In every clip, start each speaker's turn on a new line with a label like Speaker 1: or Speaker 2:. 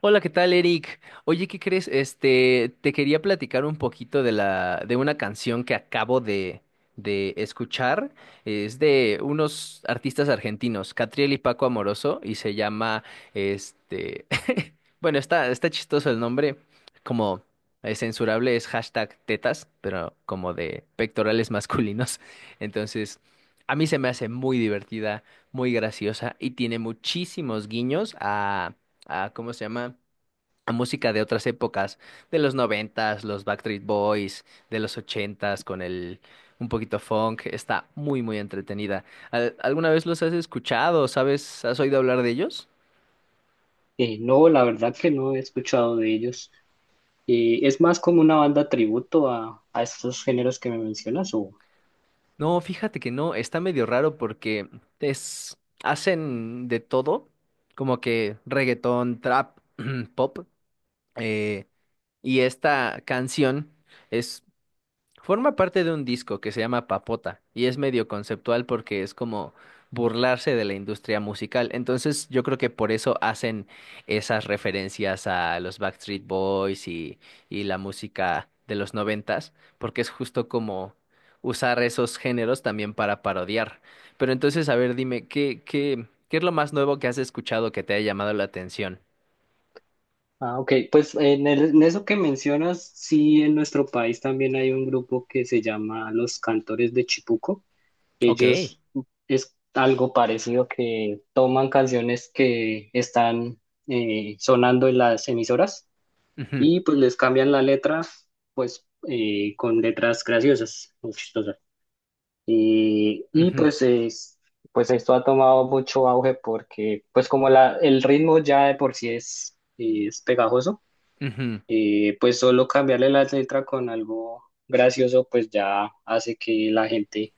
Speaker 1: Hola, ¿qué tal, Eric? Oye, ¿qué crees? Te quería platicar un poquito de una canción que acabo de escuchar. Es de unos artistas argentinos, Catriel y Paco Amoroso, y se llama, este, bueno, está chistoso el nombre, como es censurable, es hashtag tetas, pero como de pectorales masculinos. Entonces, a mí se me hace muy divertida, muy graciosa, y tiene muchísimos guiños a ¿cómo se llama? A música de otras épocas, de los noventas, los Backstreet Boys, de los ochentas, con el un poquito funk, está muy muy entretenida. ¿Alguna vez los has escuchado? ¿Sabes? ¿Has oído hablar de ellos?
Speaker 2: No, la verdad que no he escuchado de ellos. ¿Es más como una banda tributo a estos géneros que me mencionas? O...
Speaker 1: No, fíjate que no, está medio raro porque es hacen de todo, como que reggaetón, trap, pop, eh, y esta canción es forma parte de un disco que se llama Papota y es medio conceptual porque es como burlarse de la industria musical. Entonces yo creo que por eso hacen esas referencias a los Backstreet Boys y la música de los noventas, porque es justo como usar esos géneros también para parodiar. Pero entonces, a ver, dime, ¿qué es lo más nuevo que has escuchado que te haya llamado la atención?
Speaker 2: Ah, ok, pues en eso que mencionas, sí, en nuestro país también hay un grupo que se llama Los Cantores de Chipuco.
Speaker 1: Ok.
Speaker 2: Ellos es algo parecido, que toman canciones que están sonando en las emisoras
Speaker 1: Ujú,
Speaker 2: y pues les cambian la letra, pues con letras graciosas, muy chistosas. Y, y
Speaker 1: ujú,
Speaker 2: pues, es- pues esto ha tomado mucho auge porque pues como el ritmo ya de por sí es pegajoso,
Speaker 1: ujú.
Speaker 2: pues solo cambiarle la letra con algo gracioso pues ya hace que la gente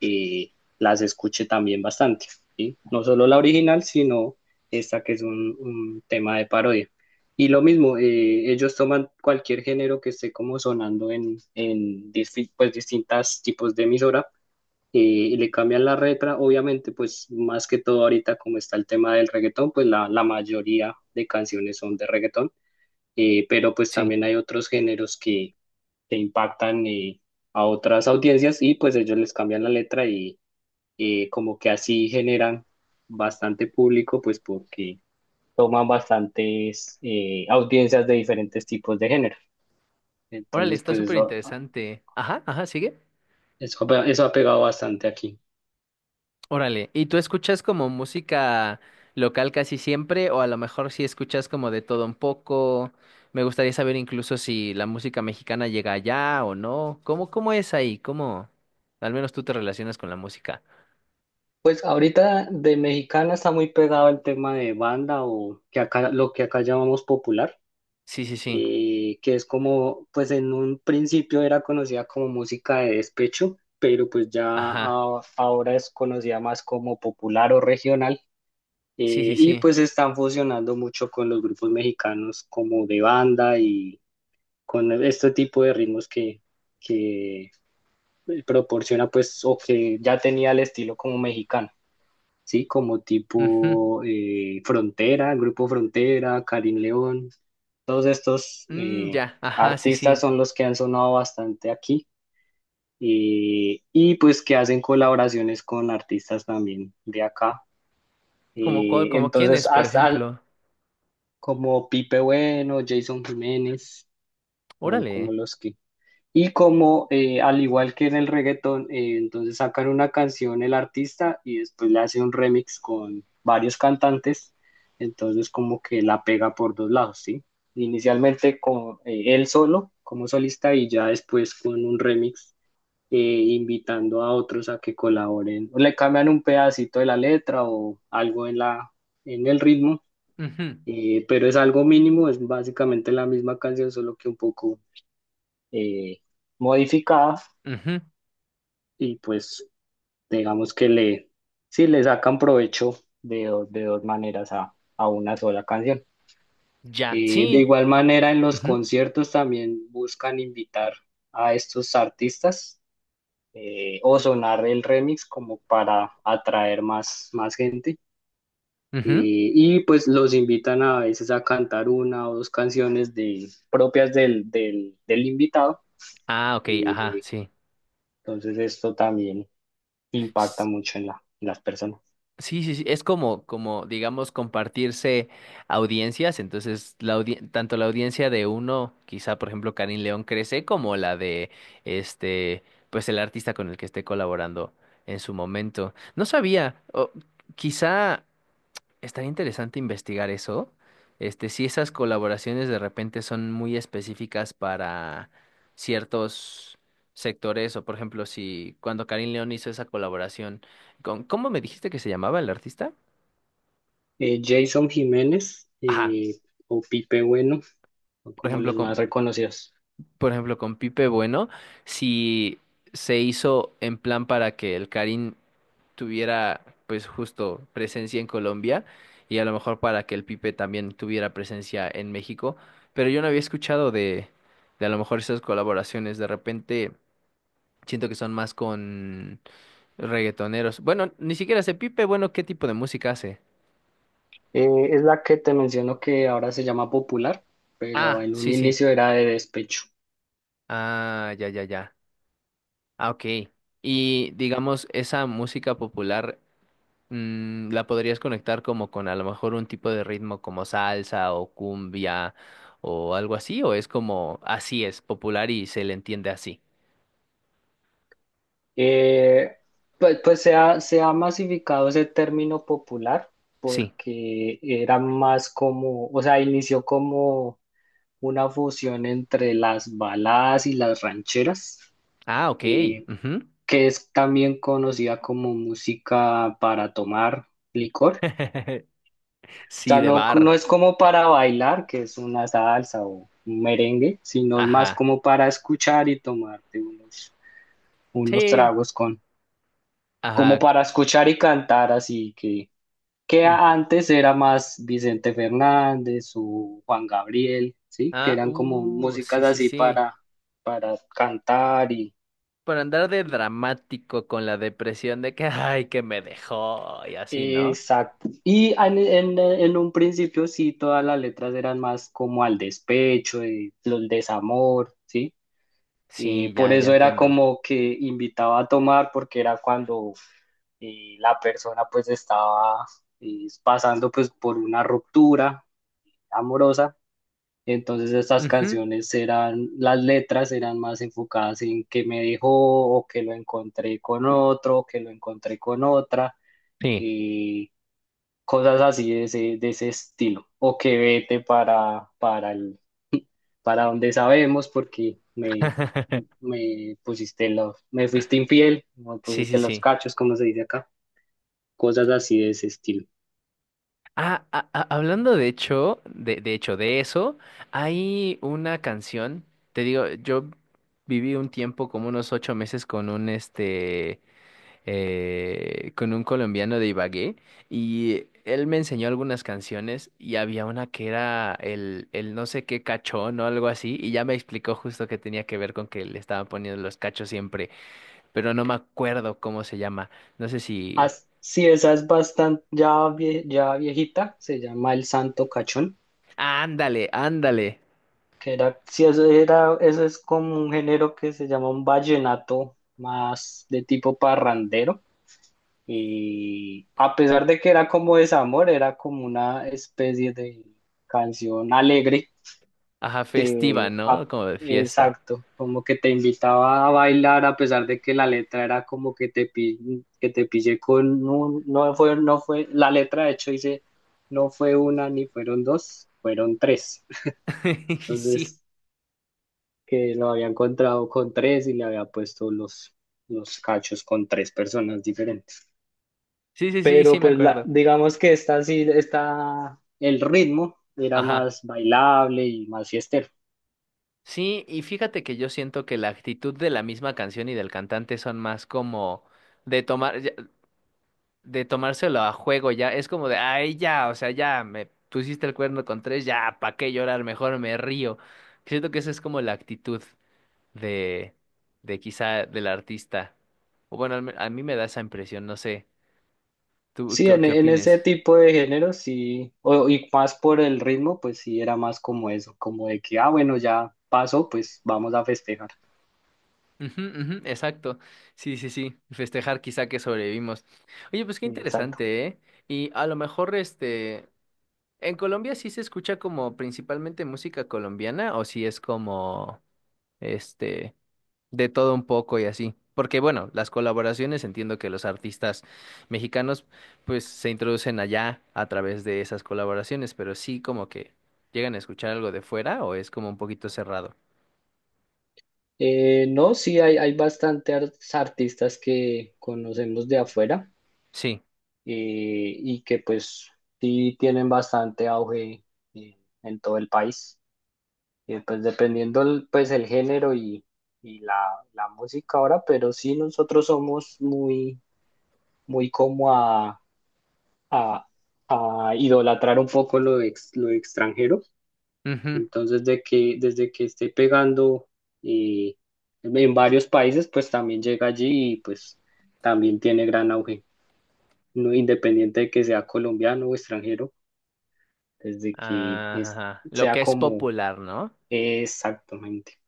Speaker 2: eh, las escuche también bastante, ¿sí? No solo la original, sino esta que es un tema de parodia. Y lo mismo, ellos toman cualquier género que esté como sonando en pues distintas tipos de emisora y le cambian la letra, obviamente, pues más que todo ahorita como está el tema del reggaetón, pues la mayoría de canciones son de reggaetón, pero pues
Speaker 1: Sí.
Speaker 2: también hay otros géneros que impactan, a otras audiencias y pues ellos les cambian la letra y como que así generan bastante público, pues porque toman bastantes audiencias de diferentes tipos de género.
Speaker 1: Órale,
Speaker 2: Entonces,
Speaker 1: está
Speaker 2: pues
Speaker 1: súper
Speaker 2: eso,
Speaker 1: interesante. Ajá, ajá, sigue.
Speaker 2: eso ha pegado bastante aquí.
Speaker 1: Órale, ¿y tú escuchas como música local casi siempre o a lo mejor si escuchas como de todo un poco? Me gustaría saber incluso si la música mexicana llega allá o no. ¿Cómo es ahí? ¿Cómo? Al menos tú te relacionas con la música.
Speaker 2: Pues ahorita de mexicana está muy pegado el tema de banda, o que acá, lo que acá llamamos popular,
Speaker 1: Sí, sí, sí.
Speaker 2: que es como, pues en un principio era conocida como música de despecho, pero pues ya
Speaker 1: Ajá.
Speaker 2: ahora es conocida más como popular o regional,
Speaker 1: Sí, sí,
Speaker 2: y
Speaker 1: sí.
Speaker 2: pues están fusionando mucho con los grupos mexicanos como de banda y con este tipo de ritmos que proporciona pues, o que ya tenía el estilo como mexicano. ¿Sí? Como
Speaker 1: Ujú.
Speaker 2: tipo Frontera, el Grupo Frontera, Karim León, todos estos
Speaker 1: Mm, ya. Ajá, sí,
Speaker 2: artistas
Speaker 1: sí.
Speaker 2: son los que han sonado bastante aquí, y pues que hacen colaboraciones con artistas también de acá.
Speaker 1: Como, cuál- como quién es,
Speaker 2: Entonces,
Speaker 1: por
Speaker 2: hasta
Speaker 1: ejemplo.
Speaker 2: como Pipe Bueno, Jason Jiménez, son como
Speaker 1: Órale.
Speaker 2: los que. Y como al igual que en el reggaetón, entonces sacan una canción el artista y después le hace un remix con varios cantantes, entonces como que la pega por dos lados, ¿sí? Inicialmente con él solo como solista, y ya después con un remix invitando a otros a que colaboren, o le cambian un pedacito de la letra o algo en en el ritmo,
Speaker 1: Ujú.
Speaker 2: pero es algo mínimo, es básicamente la misma canción, solo que un poco... eh, modificada,
Speaker 1: Ujú.
Speaker 2: y pues digamos que le, sí le sacan provecho de dos maneras a una sola canción.
Speaker 1: Ya.
Speaker 2: De
Speaker 1: Sí.
Speaker 2: igual manera, en los
Speaker 1: Ujú.
Speaker 2: conciertos también buscan invitar a estos artistas, o sonar el remix como para atraer más, más gente.
Speaker 1: Ujú.
Speaker 2: Y pues los invitan a veces a cantar una o dos canciones de, propias del del invitado.
Speaker 1: Ah, ok. Ajá,
Speaker 2: eh, entonces esto también impacta
Speaker 1: sí.
Speaker 2: mucho en en las personas.
Speaker 1: Sí, sí, sí, es digamos, compartirse audiencias, entonces la audien- tanto la audiencia de uno, quizá por ejemplo Karim León crece, como la de este, pues el artista con el que esté colaborando en su momento. No sabía, o quizá estaría interesante investigar eso. Si esas colaboraciones de repente son muy específicas para ciertos sectores, o por ejemplo, si cuando Karim León hizo esa colaboración con, ¿cómo me dijiste que se llamaba el artista?
Speaker 2: Eh, Jason Jiménez,
Speaker 1: Ajá.
Speaker 2: o Pipe Bueno, son
Speaker 1: Por
Speaker 2: como
Speaker 1: ejemplo,
Speaker 2: los más
Speaker 1: con
Speaker 2: reconocidos.
Speaker 1: por ejemplo, con Pipe Bueno, si se hizo en plan para que el Karim tuviera, pues justo, presencia en Colombia y a lo mejor para que el Pipe también tuviera presencia en México, pero yo no había escuchado de a lo mejor esas colaboraciones, de repente siento que son más con reggaetoneros. Bueno, ni siquiera sé Pipe Bueno qué tipo de música hace.
Speaker 2: Es la que te menciono que ahora se llama Popular, pero
Speaker 1: Ah,
Speaker 2: en un
Speaker 1: sí, sí.
Speaker 2: inicio era de despecho.
Speaker 1: Ah, ya, ya, ya. Ah, ok. Y digamos, esa música popular. La podrías conectar como con a lo mejor un tipo de ritmo como salsa o cumbia o algo así, o es como así es popular y se le entiende así.
Speaker 2: Eh, pues se ha masificado ese término popular,
Speaker 1: Sí.
Speaker 2: porque era más como, o sea, inició como una fusión entre las baladas y las rancheras,
Speaker 1: Ah, ok.
Speaker 2: eh,
Speaker 1: Ujú.
Speaker 2: que es también conocida como música para tomar licor.
Speaker 1: Sí,
Speaker 2: Sea,
Speaker 1: de
Speaker 2: no, no
Speaker 1: bar.
Speaker 2: es como para bailar, que es una salsa o un merengue, sino es más
Speaker 1: Ajá.
Speaker 2: como para escuchar y tomarte unos, unos
Speaker 1: Sí.
Speaker 2: tragos con, como
Speaker 1: Ajá.
Speaker 2: para escuchar y cantar, así que
Speaker 1: Mm.
Speaker 2: antes era más Vicente Fernández o Juan Gabriel, ¿sí? Que
Speaker 1: Ah,
Speaker 2: eran como músicas
Speaker 1: sí, sí,
Speaker 2: así
Speaker 1: sí.
Speaker 2: para cantar y...
Speaker 1: Por andar de dramático con la depresión de que, ay, que me dejó y así, ¿no?
Speaker 2: Exacto. Y en, en un principio sí, todas las letras eran más como al despecho, el, desamor, ¿sí? Y
Speaker 1: Sí,
Speaker 2: por
Speaker 1: ya, ya
Speaker 2: eso era
Speaker 1: entiendo.
Speaker 2: como que invitaba a tomar, porque era cuando la persona pues estaba pasando pues por una ruptura amorosa. Entonces estas
Speaker 1: Ujú.
Speaker 2: canciones eran, las letras eran más enfocadas en que me dejó, o que lo encontré con otro, o que lo encontré con otra,
Speaker 1: Sí.
Speaker 2: eh, cosas así de ese estilo, o que vete para el, para donde sabemos, porque me, me pusiste los, me fuiste infiel, me
Speaker 1: Sí, sí,
Speaker 2: pusiste los
Speaker 1: sí.
Speaker 2: cachos, como se dice acá, cosas así de ese estilo.
Speaker 1: Ah, ah, ah, hablando de hecho, de eso, hay una canción, te digo, yo viví un tiempo, como unos 8 meses, con un colombiano de Ibagué, y él me enseñó algunas canciones, y había una que era el no sé qué cachón o algo así, y ya me explicó justo que tenía que ver con que le estaban poniendo los cachos siempre, pero no me acuerdo cómo se llama, no sé si...
Speaker 2: Sí, esa es bastante, ya, ya viejita, se llama El Santo Cachón,
Speaker 1: Ándale, ándale.
Speaker 2: que era, sí, eso era, eso es como un género que se llama un vallenato más de tipo parrandero. Y a pesar de que era como desamor, era como una especie de canción alegre
Speaker 1: Ajá, festiva,
Speaker 2: que, a-
Speaker 1: ¿no? Como de fiesta.
Speaker 2: exacto, como que te invitaba a bailar, a pesar de que la letra era como que te, que te pillé con un- no fue, no fue, la letra de hecho dice, no fue una ni fueron dos, fueron tres.
Speaker 1: Sí,
Speaker 2: Entonces, que lo había encontrado con tres y le había puesto los cachos con tres personas diferentes.
Speaker 1: sí, sí, sí, sí,
Speaker 2: Pero
Speaker 1: me
Speaker 2: pues la,
Speaker 1: acuerdo.
Speaker 2: digamos que esta sí, está el ritmo era
Speaker 1: Ajá.
Speaker 2: más bailable y más fiestero.
Speaker 1: Sí, y fíjate que yo siento que la actitud de la misma canción y del cantante son más como de tomar, ya- de tomárselo a juego ya. Es como de, ay, ya, o sea, ya, me pusiste el cuerno con tres, ya, ¿para qué llorar? Mejor me río. Siento que esa es como la actitud de, de quizá del artista. O bueno, a mí me da esa impresión, no sé. ¿Tú
Speaker 2: Sí,
Speaker 1: qué, qué
Speaker 2: en ese
Speaker 1: opines?
Speaker 2: tipo de género sí, y más por el ritmo, pues sí era más como eso, como de que, ah, bueno, ya pasó, pues vamos a festejar.
Speaker 1: Ujú, ujú, exacto. Sí, sí, sí. Festejar quizá que sobrevivimos. Oye, pues qué
Speaker 2: Exacto.
Speaker 1: interesante, ¿eh? Y a lo mejor, en Colombia sí se escucha como principalmente música colombiana o si es como, este, de todo un poco y así. Porque bueno, las colaboraciones entiendo que los artistas mexicanos pues se introducen allá a través de esas colaboraciones, pero sí como que llegan a escuchar algo de fuera o es como un poquito cerrado.
Speaker 2: No, sí, hay bastante artistas que conocemos de afuera,
Speaker 1: Sí.
Speaker 2: eh, y que pues sí tienen bastante auge en todo el país. Pues dependiendo pues el género y la música ahora, pero sí nosotros somos muy, muy como a, a idolatrar un poco lo, lo extranjero. Entonces, de que, desde que esté pegando eh, en varios países, pues también llega allí y pues también tiene gran auge, no, independiente de que sea colombiano o extranjero, desde que es,
Speaker 1: Ajá, lo
Speaker 2: sea
Speaker 1: que es
Speaker 2: como
Speaker 1: popular, ¿no?
Speaker 2: exactamente.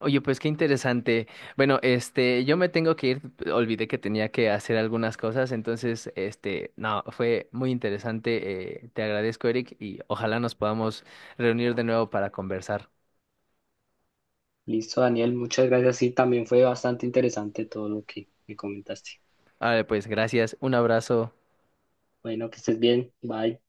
Speaker 1: Oye, pues qué interesante. Bueno, yo me tengo que ir, olvidé que tenía que hacer algunas cosas, entonces, no, fue muy interesante. Te agradezco, Eric, y ojalá nos podamos reunir de nuevo para conversar.
Speaker 2: Listo, Daniel, muchas gracias. Sí, también fue bastante interesante todo lo que me comentaste.
Speaker 1: Vale, pues gracias, un abrazo.
Speaker 2: Bueno, que estés bien. Bye.